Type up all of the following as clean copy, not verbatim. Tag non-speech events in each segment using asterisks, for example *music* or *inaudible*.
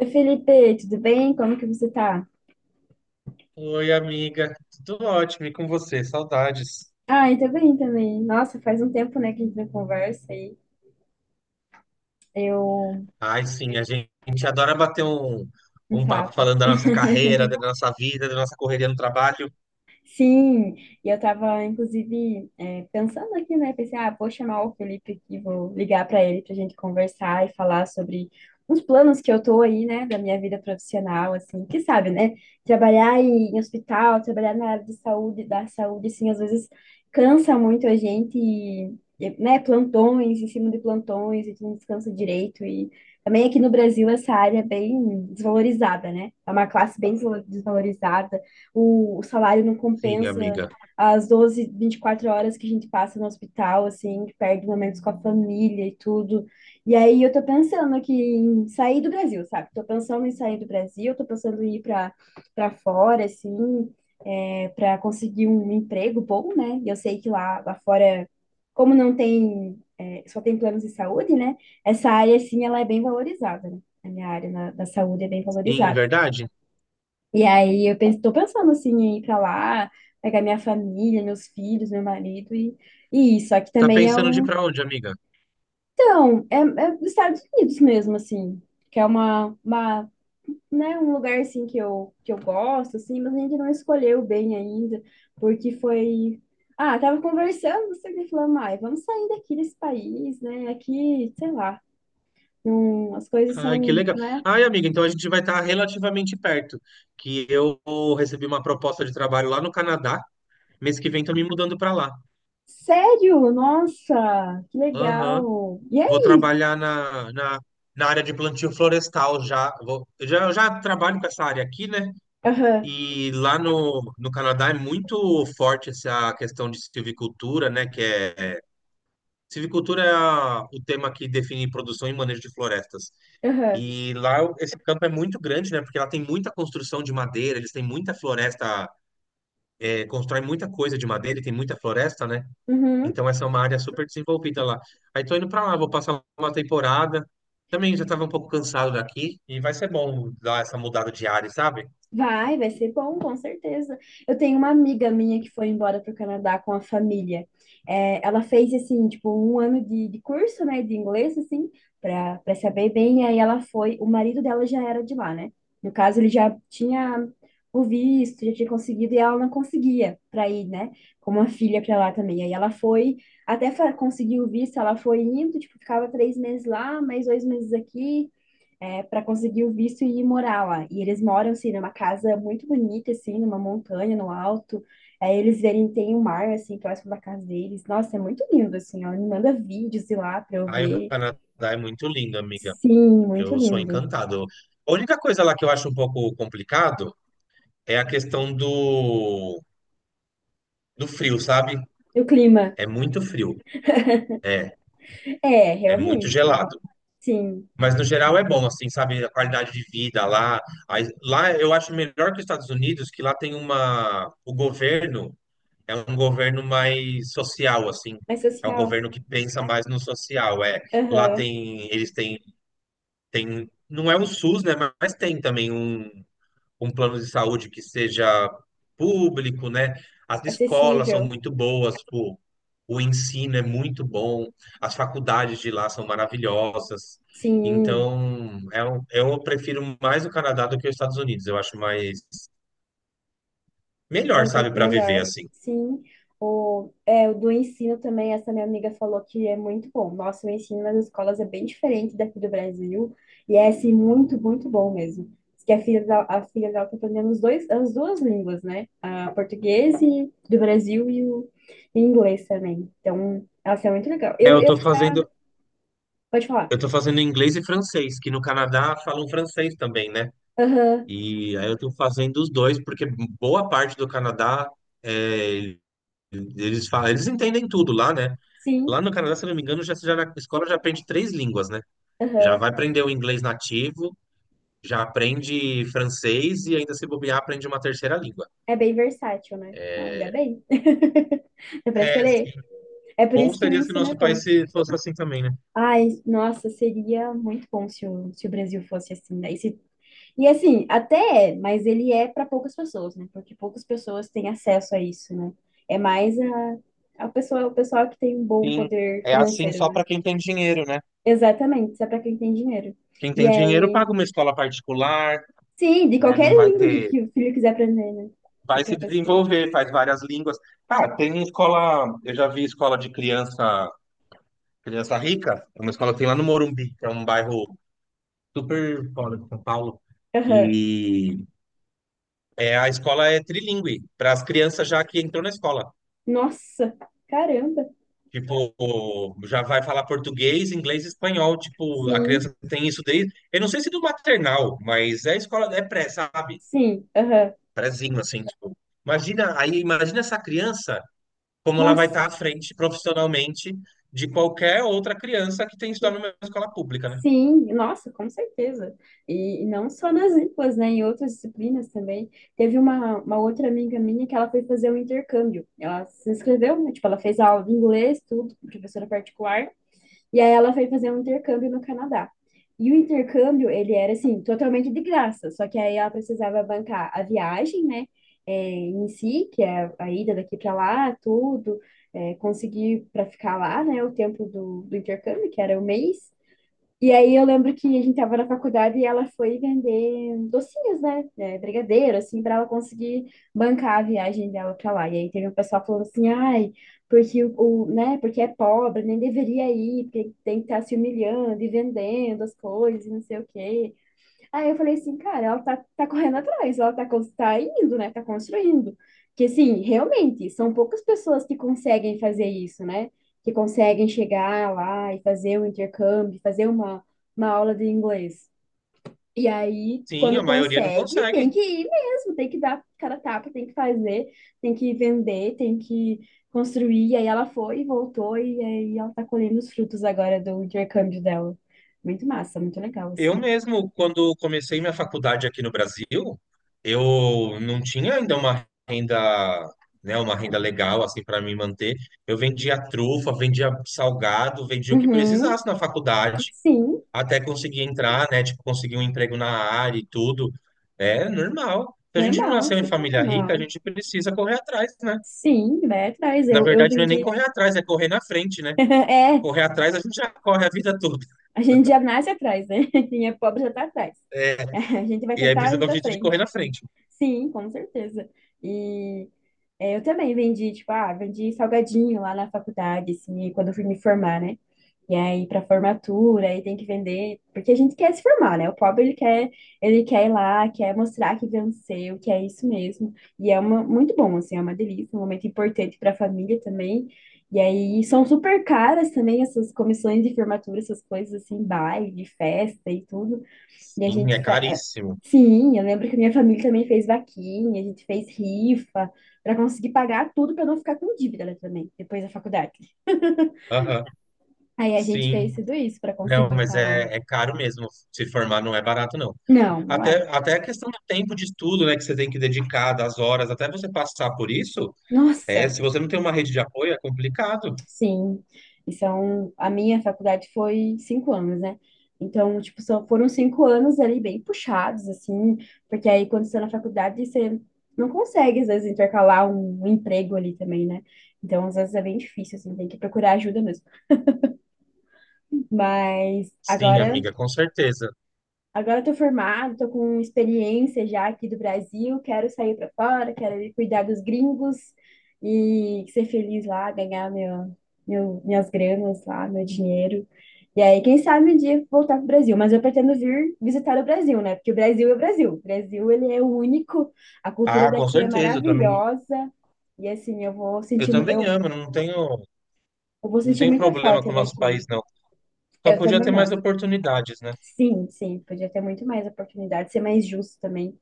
Oi, Felipe, tudo bem? Como que você tá? Oi, amiga. Tudo ótimo, e com você? Saudades. Ah, eu tô bem também. Nossa, faz um tempo, né, que a gente não conversa aí. Eu Ai, sim, a gente adora bater um um papo papo. falando da nossa *laughs* carreira, da nossa vida, da nossa correria no trabalho. Sim, e eu estava inclusive, pensando aqui, né? Pensei, ah, vou chamar o Felipe aqui, vou ligar para ele para a gente conversar e falar sobre uns planos que eu tô aí, né, da minha vida profissional, assim, que sabe, né? Trabalhar em hospital, trabalhar na área de saúde, da saúde, assim, às vezes cansa muito a gente, né? Plantões, em cima de plantões, a gente não descansa direito e também aqui no Brasil essa área é bem desvalorizada, né? É uma classe bem desvalorizada. O salário não Sim, compensa amiga. as 12 24 horas que a gente passa no hospital, assim, que perde momentos com a família e tudo. E aí eu tô pensando aqui em sair do Brasil, sabe? Tô pensando em sair do Brasil, tô pensando em ir para fora, assim, para conseguir um emprego bom, né? E eu sei que lá fora, como não tem, só tem planos de saúde, né? Essa área, assim, ela é bem valorizada, né? A minha área da saúde é bem Sim, valorizada. verdade. E aí eu penso, tô pensando assim, em ir pra lá, pegar minha família, meus filhos, meu marido e isso. Aqui Tá também é pensando de ir um. pra onde, amiga? Então, é dos Estados Unidos mesmo, assim, que é né, um lugar assim que eu gosto, assim, mas a gente não escolheu bem ainda, porque foi. Ah, tava conversando, você me falando, ai, vamos sair daqui desse país, né? Aqui, sei lá, não, as coisas Ai, que são, legal. né? Ai, amiga, então a gente vai estar relativamente perto, que eu recebi uma proposta de trabalho lá no Canadá. Mês que vem tô me mudando pra lá. Sério? Nossa, que Aham. legal! E Vou aí? trabalhar na área de plantio florestal já. Eu já trabalho com essa área aqui, né? Aham. E lá no Canadá é muito forte essa questão de silvicultura, né? Que é Silvicultura é o tema que define produção e manejo de florestas. Aham. E lá esse campo é muito grande, né? Porque lá tem muita construção de madeira, eles têm muita floresta, é, constroem muita coisa de madeira e tem muita floresta, né? Uhum. Então essa é uma área super desenvolvida lá. Aí tô indo para lá, vou passar uma temporada. Também já estava um pouco cansado daqui e vai ser bom dar essa mudada de área, sabe? Vai, vai ser bom, com certeza. Eu tenho uma amiga minha que foi embora para o Canadá com a família. É, ela fez, assim, tipo, um ano de curso, né, de inglês, assim, para saber bem. E aí ela foi, o marido dela já era de lá, né? No caso, ele já tinha o visto, já tinha conseguido, e ela não conseguia para ir, né, com uma filha para lá também. Aí ela foi, até fa- conseguir o visto, ela foi indo, tipo, ficava 3 meses lá, mais 2 meses aqui. Para conseguir o visto e ir morar lá. E eles moram, assim, numa casa muito bonita, assim, numa montanha, no alto. Aí eles verem, tem um mar, assim, próximo da casa deles. Nossa, é muito lindo, assim, ó. Me manda vídeos de lá pra eu Aí o ver. Canadá é muito lindo, amiga. Sim, muito Eu sou lindo. encantado. A única coisa lá que eu acho um pouco complicado é a questão do frio, sabe? E o clima? É muito frio, É, é muito realmente. gelado. Sim. Mas no geral é bom, assim, sabe? A qualidade de vida lá. Lá eu acho melhor que os Estados Unidos, que lá tem uma. O governo é um governo mais social, assim. Mais É um social. governo que pensa mais no social. É, lá Aham. tem. Eles têm. Tem, não é o SUS, né? Mas tem também um. Um plano de saúde que seja público, né? As escolas são Acessível. muito boas, o ensino é muito bom, as faculdades de lá são maravilhosas. Sim. Então, é eu prefiro mais o Canadá do que os Estados Unidos. Eu acho mais melhor, Mas é sabe, para viver melhor, assim. sim. O do ensino também, essa minha amiga falou que é muito bom. Nossa, o ensino nas escolas é bem diferente daqui do Brasil. E é, assim, muito, muito bom mesmo. Diz que a filha dela tá aprendendo os dois, as duas línguas, né? A português do Brasil e o e inglês também. Então, ela é muito legal. É, eu tô fazendo, Pode falar. eu tô fazendo inglês e francês, que no Canadá falam francês também, né? Aham, E aí eu tô fazendo os dois, porque boa parte do Canadá é, eles falam, eles entendem tudo lá, né? sim, Lá no Canadá, se eu não me engano, já na escola já aprende três línguas, né? Já aham. vai aprender o inglês nativo, já aprende francês e ainda se bobear aprende uma terceira língua. É bem versátil, né? Ah, ainda bem. *laughs* Dá pra É, sim. escolher. É por Bom isso que o seria se o ensino é nosso bom. país fosse assim também, né? Ai, nossa, seria muito bom se se o Brasil fosse assim, né? E, se- e assim, até é, mas ele é para poucas pessoas, né? Porque poucas pessoas têm acesso a isso, né? É mais a pessoa, o pessoal que tem um bom Sim, poder é assim financeiro, só né? para quem tem dinheiro, né? Exatamente, isso é para quem tem dinheiro. Quem E tem dinheiro aí, paga uma escola particular, sim, de né? qualquer Não vai língua ter, que o filho quiser aprender, né? vai se Qualquer pessoa. desenvolver, faz várias línguas. Ah, tem escola, eu já vi escola de criança, criança rica, é uma escola que tem lá no Morumbi, que é um bairro super fora de São Paulo. Aham. E é, a escola é trilingüe, para as crianças já que entrou na escola. Nossa, caramba. Tipo, já vai falar português, inglês e espanhol. Tipo, a Sim, criança tem isso desde. Eu não sei se do maternal, mas é escola, é pré, sabe? sim, aham. Prézinho, assim, tipo. Imagina, aí, imagina essa criança, como ela vai Nossa, estar à frente profissionalmente de qualquer outra criança que tem estudado numa escola pública, né? sim, nossa, com certeza. E não só nas línguas, né? Em outras disciplinas também. Teve uma outra amiga minha que ela foi fazer um intercâmbio. Ela se inscreveu, né? Tipo, ela fez aula de inglês, tudo, com professora particular. E aí ela foi fazer um intercâmbio no Canadá. E o intercâmbio, ele era, assim, totalmente de graça. Só que aí ela precisava bancar a viagem, né? É, em si, que é a ida daqui para lá, tudo. É, conseguir para ficar lá, né? O tempo do intercâmbio, que era um mês. E aí eu lembro que a gente tava na faculdade e ela foi vender docinhos, né? É, brigadeiro, assim, pra ela conseguir bancar a viagem dela pra lá. E aí teve um pessoal falando assim, ai, porque né, porque é pobre, nem deveria ir, porque tem que estar se humilhando e vendendo as coisas, e não sei o quê. Aí eu falei assim, cara, ela tá correndo atrás, ela tá indo, né? Tá construindo. Que assim, realmente, são poucas pessoas que conseguem fazer isso, né? Que conseguem chegar lá e fazer um intercâmbio, fazer uma aula de inglês. E aí, Sim, quando a maioria não consegue, consegue. tem que ir mesmo, tem que dar cara a tapa, tem que fazer, tem que vender, tem que construir. E aí ela foi e voltou, e aí ela tá colhendo os frutos agora do intercâmbio dela. Muito massa, muito legal, Eu assim. mesmo, quando comecei minha faculdade aqui no Brasil, eu não tinha ainda uma renda, né, uma renda legal assim para me manter. Eu vendia trufa, vendia salgado, vendia o que Uhum. precisasse na faculdade, Sim, até conseguir entrar, né, tipo conseguir um emprego na área e tudo. É normal. Se a gente não normal, nasceu em super família rica, a normal. gente precisa correr atrás, né? Sim, vai atrás. Na Eu verdade, não é nem vendi. correr atrás, é correr na frente, né? *laughs* É, Correr atrás, a gente já corre a vida toda. a gente já *laughs* nasce atrás, né? *laughs* Quem é pobre já tá atrás. *laughs* A gente vai E aí tentar precisa ir dar um pra jeito de correr frente. na frente. Sim, com certeza. E é, eu também vendi, tipo, ah, vendi salgadinho lá na faculdade, assim, e quando eu fui me formar, né? E aí, para formatura, aí tem que vender, porque a gente quer se formar, né? O pobre, ele quer ir lá, quer mostrar que venceu, que é isso mesmo. E é uma, muito bom, assim, é uma delícia, um momento importante para a família também. E aí, são super caras também essas comissões de formatura, essas coisas assim, baile, festa e tudo. E a Sim, gente. é caríssimo. Sim, eu lembro que minha família também fez vaquinha, a gente fez rifa para conseguir pagar tudo para não ficar com dívida né, também, depois da faculdade. Aham, Aí a gente sim. fez tudo isso para Não, conseguir mas estar lá. É caro mesmo. Se formar não é barato, não. Não, não é. Até a questão do tempo de estudo, né, que você tem que dedicar, das horas, até você passar por isso, é, Nossa, se você não tem uma rede de apoio, é complicado. sim. E são, a minha faculdade foi 5 anos, né? Então, tipo, só foram 5 anos ali bem puxados, assim, porque aí quando você está na faculdade, você não consegue, às vezes, intercalar um emprego ali também, né? Então, às vezes é bem difícil, assim, tem que procurar ajuda mesmo. Mas Sim, agora, amiga, com certeza. agora eu tô formada, tô com experiência já aqui do Brasil, quero sair para fora, quero ir cuidar dos gringos e ser feliz lá, ganhar minhas granas lá, meu dinheiro. E aí, quem sabe um dia voltar pro Brasil, mas eu pretendo vir visitar o Brasil, né? Porque o Brasil é o Brasil. O Brasil, ele é único, a cultura Ah, com daqui é certeza, maravilhosa. E assim, eu também amo, não tenho, eu vou não sentir tenho muita problema com falta o nosso daqui. país, não. Só Eu podia também não. Sim, sim, podia ter muito mais oportunidade, ser mais justo também,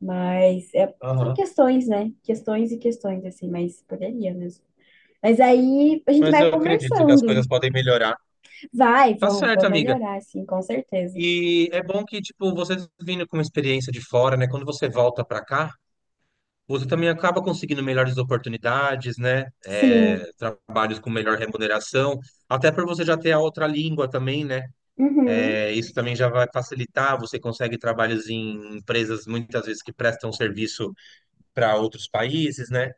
mas é- são questões, né? Questões e questões, assim, mas poderia mesmo. Mas aí a gente vai ter. conversando. Vai, vão, vão melhorar, sim, com certeza. E é bom que, tipo, vocês vindo com uma experiência de fora, né? Quando você volta para cá, você também acaba conseguindo melhores oportunidades, né? É, Sim, trabalhos com melhor remuneração, até para você já ter a outra língua também, né? uhum, É, isso também já vai facilitar. Você consegue trabalhos em empresas muitas vezes que prestam serviço para outros países, né?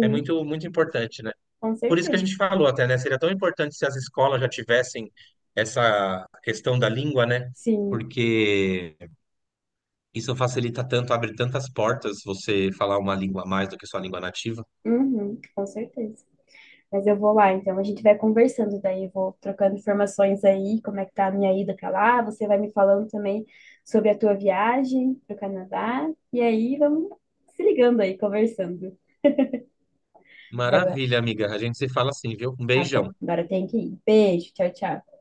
É muito, muito importante, né? com Por isso que a certeza. gente falou até, né? Seria tão importante se as escolas já tivessem essa questão da língua, né? Sim, Porque isso facilita tanto, abre tantas portas você falar uma língua a mais do que sua língua nativa. uhum, com certeza. Mas eu vou lá, então a gente vai conversando, daí eu vou trocando informações aí, como é que tá a minha ida pra lá, você vai me falando também sobre a tua viagem pro Canadá, e aí vamos se ligando aí, conversando. Mas agora, Maravilha, amiga. A gente se fala assim, viu? Um tá bom, beijão. agora tem que ir. Beijo, tchau, tchau.